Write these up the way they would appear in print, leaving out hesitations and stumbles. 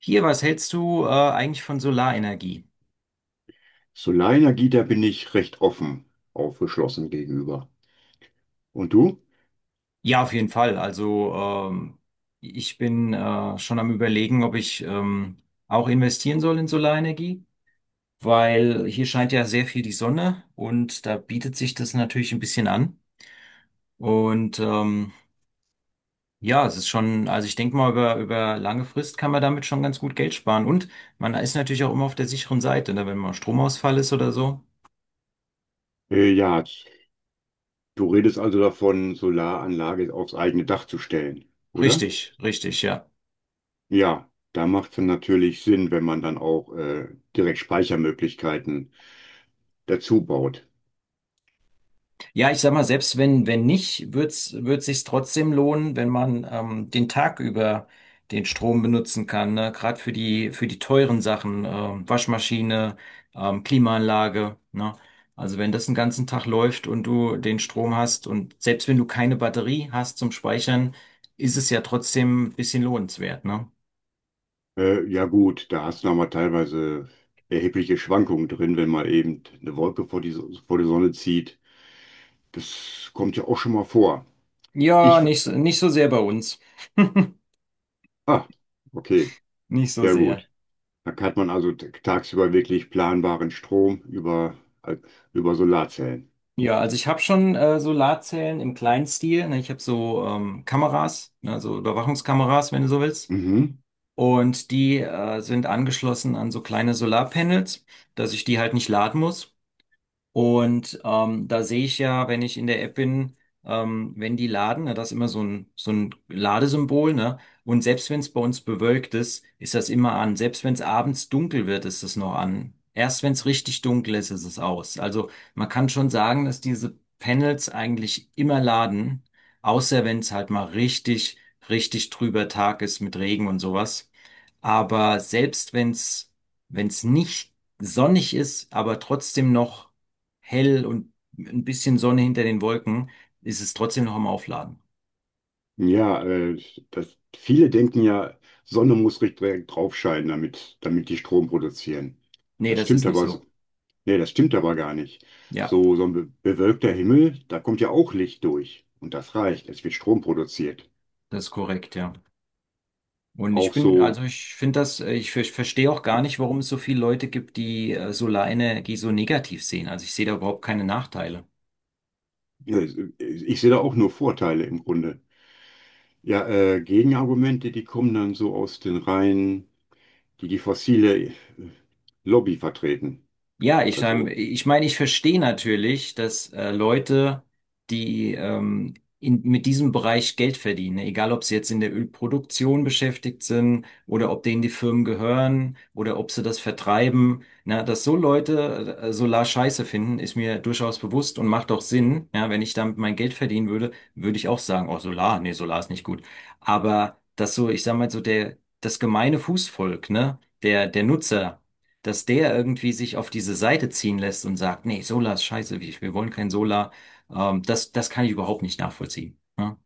Hier, was hältst du eigentlich von Solarenergie? Solarenergie, da bin ich recht offen, aufgeschlossen gegenüber. Und du? Ja, auf jeden Fall. Also ähm, ich bin schon am Überlegen, ob ich auch investieren soll in Solarenergie, weil hier scheint ja sehr viel die Sonne und da bietet sich das natürlich ein bisschen an. Und ja, es ist schon, also ich denke mal, über lange Frist kann man damit schon ganz gut Geld sparen. Und man ist natürlich auch immer auf der sicheren Seite, ne? Wenn mal Stromausfall ist oder so. Äh, ja, Du redest also davon, Solaranlage aufs eigene Dach zu stellen, oder? Richtig, richtig, ja. Ja, da macht es dann natürlich Sinn, wenn man dann auch direkt Speichermöglichkeiten dazu baut. Ja, ich sag mal, selbst wenn nicht, wird sich's trotzdem lohnen, wenn man den Tag über den Strom benutzen kann, ne? Gerade für für die teuren Sachen, Waschmaschine, Klimaanlage, ne? Also wenn das den ganzen Tag läuft und du den Strom hast und selbst wenn du keine Batterie hast zum Speichern, ist es ja trotzdem ein bisschen lohnenswert, ne? Ja gut, da hast du nochmal teilweise erhebliche Schwankungen drin, wenn mal eben eine Wolke vor die Sonne zieht. Das kommt ja auch schon mal vor. Ja, Ich, nicht, nicht so sehr bei uns. ah, okay, Nicht so ja sehr. gut. Da hat man also tagsüber wirklich planbaren Strom äh, über Solarzellen. Ja, also ich habe schon Solarzellen im kleinen Stil. Ne? Ich habe so Kameras, ne? So Überwachungskameras, wenn du so willst. Mhm. Und die sind angeschlossen an so kleine Solarpanels, dass ich die halt nicht laden muss. Und da sehe ich ja, wenn ich in der App bin, wenn die laden, na, das ist immer so ein Ladesymbol, ne? Und selbst wenn es bei uns bewölkt ist, ist das immer an. Selbst wenn es abends dunkel wird, ist es noch an. Erst wenn es richtig dunkel ist, ist es aus. Also man kann schon sagen, dass diese Panels eigentlich immer laden, außer wenn es halt mal richtig trüber Tag ist mit Regen und sowas. Aber selbst wenn wenn es nicht sonnig ist, aber trotzdem noch hell und ein bisschen Sonne hinter den Wolken, ist es trotzdem noch am Aufladen. Ja, äh, Viele denken ja, Sonne muss richtig direkt drauf scheinen, damit die Strom produzieren. Nee, Das das ist stimmt nicht aber, s- so. Das stimmt aber gar nicht. Ja, Bewölkter Himmel, da kommt ja auch Licht durch. Und das reicht. Es wird Strom produziert. das ist korrekt, ja. Und ich Auch bin, so, also ich finde das, ich verstehe auch gar nicht, warum es so viele Leute gibt, die Solarenergie so negativ sehen. Also ich sehe da überhaupt keine Nachteile. ja, ich sehe da auch nur Vorteile im Grunde. Ja, Gegenargumente, die kommen dann so aus den Reihen, die die fossile Lobby vertreten. Ja, Also, ich meine, ich verstehe natürlich, dass Leute, die mit diesem Bereich Geld verdienen, ne? Egal ob sie jetzt in der Ölproduktion beschäftigt sind oder ob denen die Firmen gehören oder ob sie das vertreiben, na, dass so Leute Solar scheiße finden, ist mir durchaus bewusst und macht auch Sinn. Ja, wenn ich damit mein Geld verdienen würde, würde ich auch sagen, oh, Solar, nee, Solar ist nicht gut. Aber dass so, ich sag mal, so das gemeine Fußvolk, ne, der Nutzer, dass der irgendwie sich auf diese Seite ziehen lässt und sagt, nee, Solar ist scheiße, wir wollen kein Solar. Das kann ich überhaupt nicht nachvollziehen. Ja?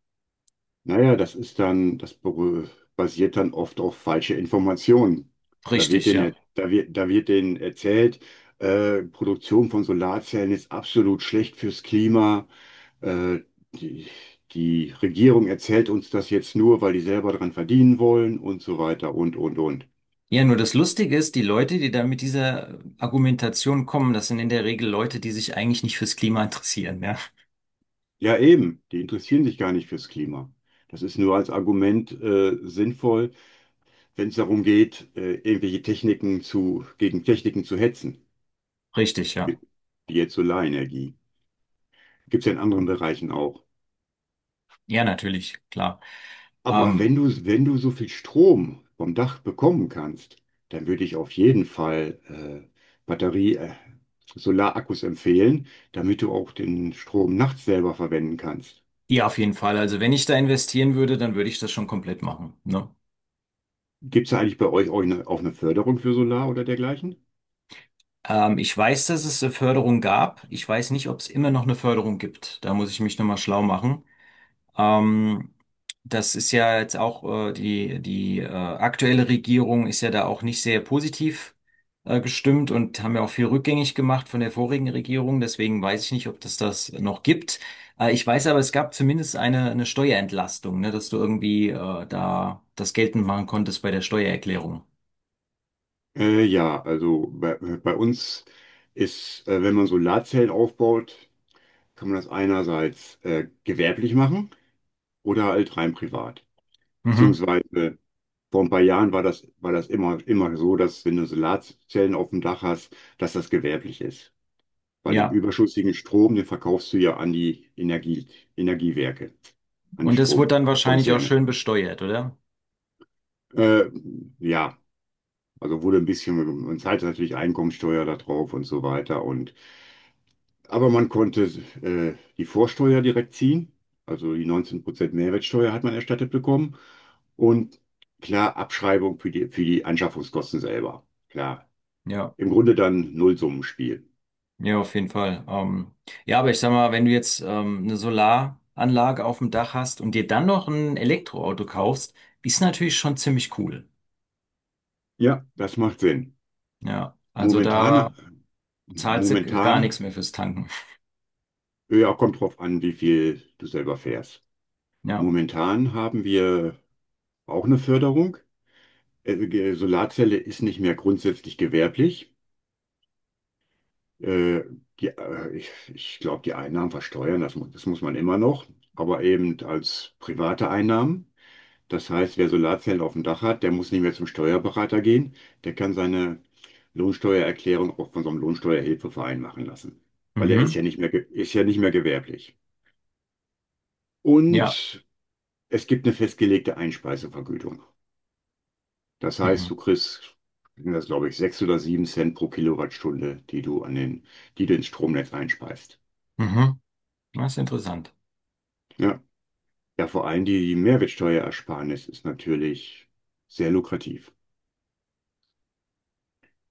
naja, das ist dann, das beru- basiert dann oft auf falsche Informationen. Richtig, ja. Da wird denen erzählt, Produktion von Solarzellen ist absolut schlecht fürs Klima. Äh, die, Die Regierung erzählt uns das jetzt nur, weil die selber dran verdienen wollen und so weiter und. Ja, nur das Lustige ist, die Leute, die da mit dieser Argumentation kommen, das sind in der Regel Leute, die sich eigentlich nicht fürs Klima interessieren, ja. Ja, eben, die interessieren sich gar nicht fürs Klima. Das ist nur als Argument, sinnvoll, wenn es darum geht, gegen Techniken zu hetzen, Richtig, ja. mit- wie jetzt Solarenergie. Gibt es ja in anderen Bereichen auch. Ja, natürlich, klar. Aber Ähm, wenn du so viel Strom vom Dach bekommen kannst, dann würde ich auf jeden Fall Batterie, Solarakkus empfehlen, damit du auch den Strom nachts selber verwenden kannst. ja, auf jeden Fall. Also wenn ich da investieren würde, dann würde ich das schon komplett machen, ne? Gibt es eigentlich bei euch auch auch eine Förderung für Solar oder dergleichen? Ich weiß, dass es eine Förderung gab. Ich weiß nicht, ob es immer noch eine Förderung gibt. Da muss ich mich nochmal schlau machen. Ähm, das ist ja jetzt auch die aktuelle Regierung ist ja da auch nicht sehr positiv gestimmt und haben ja auch viel rückgängig gemacht von der vorigen Regierung. Deswegen weiß ich nicht, ob das das noch gibt. Ich weiß aber, es gab zumindest eine Steuerentlastung, ne, dass du irgendwie da das geltend machen konntest bei der Steuererklärung. Ja, also bei uns ist, wenn man Solarzellen aufbaut, kann man das einerseits gewerblich machen oder halt rein privat. Mhm. Beziehungsweise vor ein paar Jahren war das immer so, dass wenn du Solarzellen auf dem Dach hast, dass das gewerblich ist. Weil den Ja, überschüssigen Strom, den verkaufst du ja an Energiewerke, an die und das wurde dann wahrscheinlich auch Stromkonzerne. schön besteuert, oder? Äh, ja, also wurde ein bisschen, man zahlt natürlich Einkommensteuer da drauf und so weiter. Und aber man konnte die Vorsteuer direkt ziehen, also die 19% Mehrwertsteuer hat man erstattet bekommen, und klar, Abschreibung für die Anschaffungskosten selber. Klar, Ja. im Grunde dann Nullsummenspiel. Ja, auf jeden Fall. Ja, aber ich sag mal, wenn du jetzt eine Solaranlage auf dem Dach hast und dir dann noch ein Elektroauto kaufst, ist natürlich schon ziemlich cool. Ja, das macht Sinn. Ja, also Momentan, da zahlst du gar Momentan, nichts mehr fürs Tanken. ja, kommt drauf an, wie viel du selber fährst. Ja. Momentan haben wir auch eine Förderung. Solarzelle ist nicht mehr grundsätzlich gewerblich. Äh, ich glaube, die Einnahmen versteuern, das muss man immer noch, aber eben als private Einnahmen. Das heißt, wer Solarzellen auf dem Dach hat, der muss nicht mehr zum Steuerberater gehen. Der kann seine Lohnsteuererklärung auch von so einem Lohnsteuerhilfeverein machen lassen, weil er ist Mhm. ja nicht mehr, ge- ist ja nicht mehr gewerblich. Ja. Und es gibt eine festgelegte Einspeisevergütung. Das Mhm. heißt, du kriegst, sind das glaube ich, sechs oder sieben Cent pro Kilowattstunde, die du an die du ins Stromnetz einspeist. Mhm. Das ist interessant. Ja, ja, vor allem die Mehrwertsteuerersparnis ist natürlich sehr lukrativ.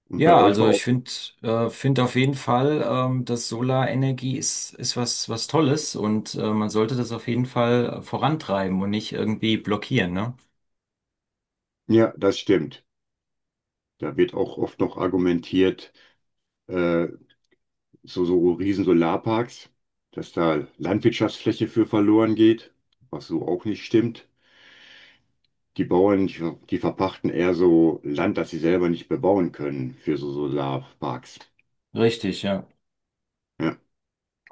Und bei Ja, euch war also ich auch, finde find auf jeden Fall, dass Solarenergie ist was, was Tolles und man sollte das auf jeden Fall vorantreiben und nicht irgendwie blockieren, ne? ja, das stimmt. Da wird auch oft noch argumentiert, äh, so, so riesen Solarparks, dass da Landwirtschaftsfläche für verloren geht, was so auch nicht stimmt. Die Bauern, die verpachten eher so Land, das sie selber nicht bebauen können, für so Solarparks. Richtig, ja. Ja,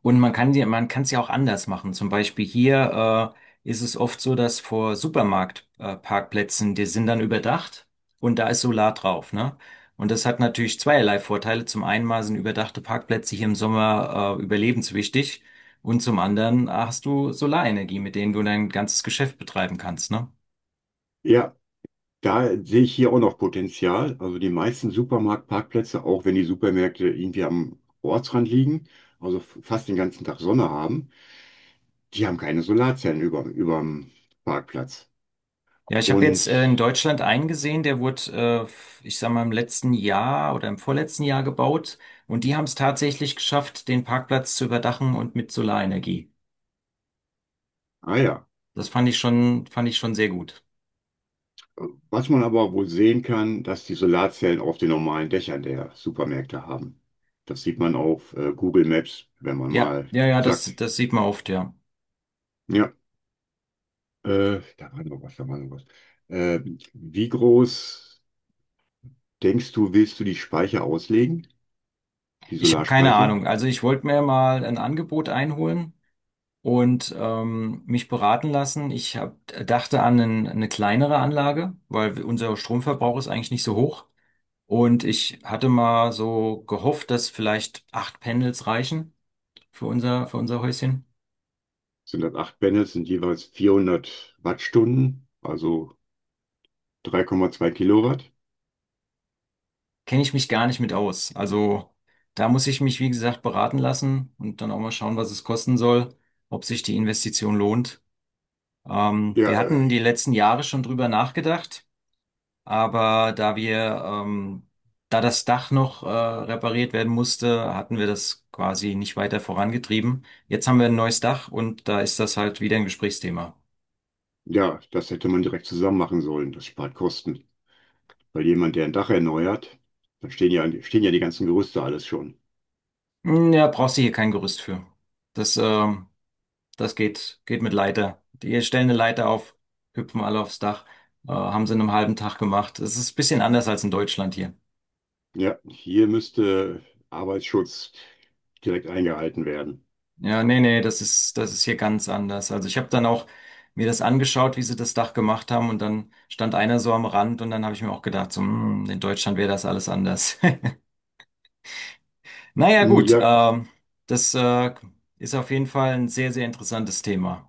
Und man kann die, man kann es ja auch anders machen. Zum Beispiel hier ist es oft so, dass vor Supermarktparkplätzen, Parkplätzen, die sind dann überdacht und da ist Solar drauf, ne? Und das hat natürlich zweierlei Vorteile. Zum einen mal sind überdachte Parkplätze hier im Sommer überlebenswichtig und zum anderen hast du Solarenergie, mit denen du dein ganzes Geschäft betreiben kannst, ne? ja. Da sehe ich hier auch noch Potenzial. Also die meisten Supermarktparkplätze, auch wenn die Supermärkte irgendwie am Ortsrand liegen, also fast den ganzen Tag Sonne haben, die haben keine Solarzellen überm Parkplatz. Ja, ich habe jetzt in Und, Deutschland einen gesehen, der wurde, ich sag mal, im letzten Jahr oder im vorletzten Jahr gebaut. Und die haben es tatsächlich geschafft, den Parkplatz zu überdachen und mit Solarenergie. ah ja, Das fand ich schon sehr gut. was man aber wohl sehen kann, dass die Solarzellen auf den normalen Dächern der Supermärkte haben. Das sieht man auf Google Maps, wenn man Ja, mal ja, ja, zack, das sieht man oft, ja. ja, da war noch was, da war noch was. Äh, Wie groß denkst du, willst du die Speicher auslegen, die Ich habe keine Solarspeicher? Ahnung. Also ich wollte mir mal ein Angebot einholen und mich beraten lassen. Dachte an eine kleinere Anlage, weil unser Stromverbrauch ist eigentlich nicht so hoch. Und ich hatte mal so gehofft, dass vielleicht acht Panels reichen für für unser Häuschen. Sind das acht Panels, sind jeweils 400 Wattstunden, also 3,2 Kilowatt. Kenne ich mich gar nicht mit aus. Also da muss ich mich, wie gesagt, beraten lassen und dann auch mal schauen, was es kosten soll, ob sich die Investition lohnt. Ja, Wir äh, hatten die letzten Jahre schon drüber nachgedacht, aber da da das Dach noch, repariert werden musste, hatten wir das quasi nicht weiter vorangetrieben. Jetzt haben wir ein neues Dach und da ist das halt wieder ein Gesprächsthema. ja, das hätte man direkt zusammen machen sollen. Das spart Kosten. Weil jemand, der ein Dach erneuert, dann stehen ja die ganzen Gerüste alles schon. Hm, ja, brauchst du hier kein Gerüst für. Das, ähm, das geht, geht mit Leiter. Die stellen eine Leiter auf, hüpfen alle aufs Dach, haben sie in einem halben Tag gemacht. Es ist ein bisschen anders als in Deutschland hier. Ja, hier müsste Arbeitsschutz direkt eingehalten werden. Ja, nee, nee, das ist hier ganz anders. Also ich habe dann auch mir das angeschaut, wie sie das Dach gemacht haben und dann stand einer so am Rand und dann habe ich mir auch gedacht, so, hm, in Deutschland wäre das alles anders. Naja, Hm, gut, ja. Das, äh, ist auf jeden Fall ein sehr, sehr interessantes Thema.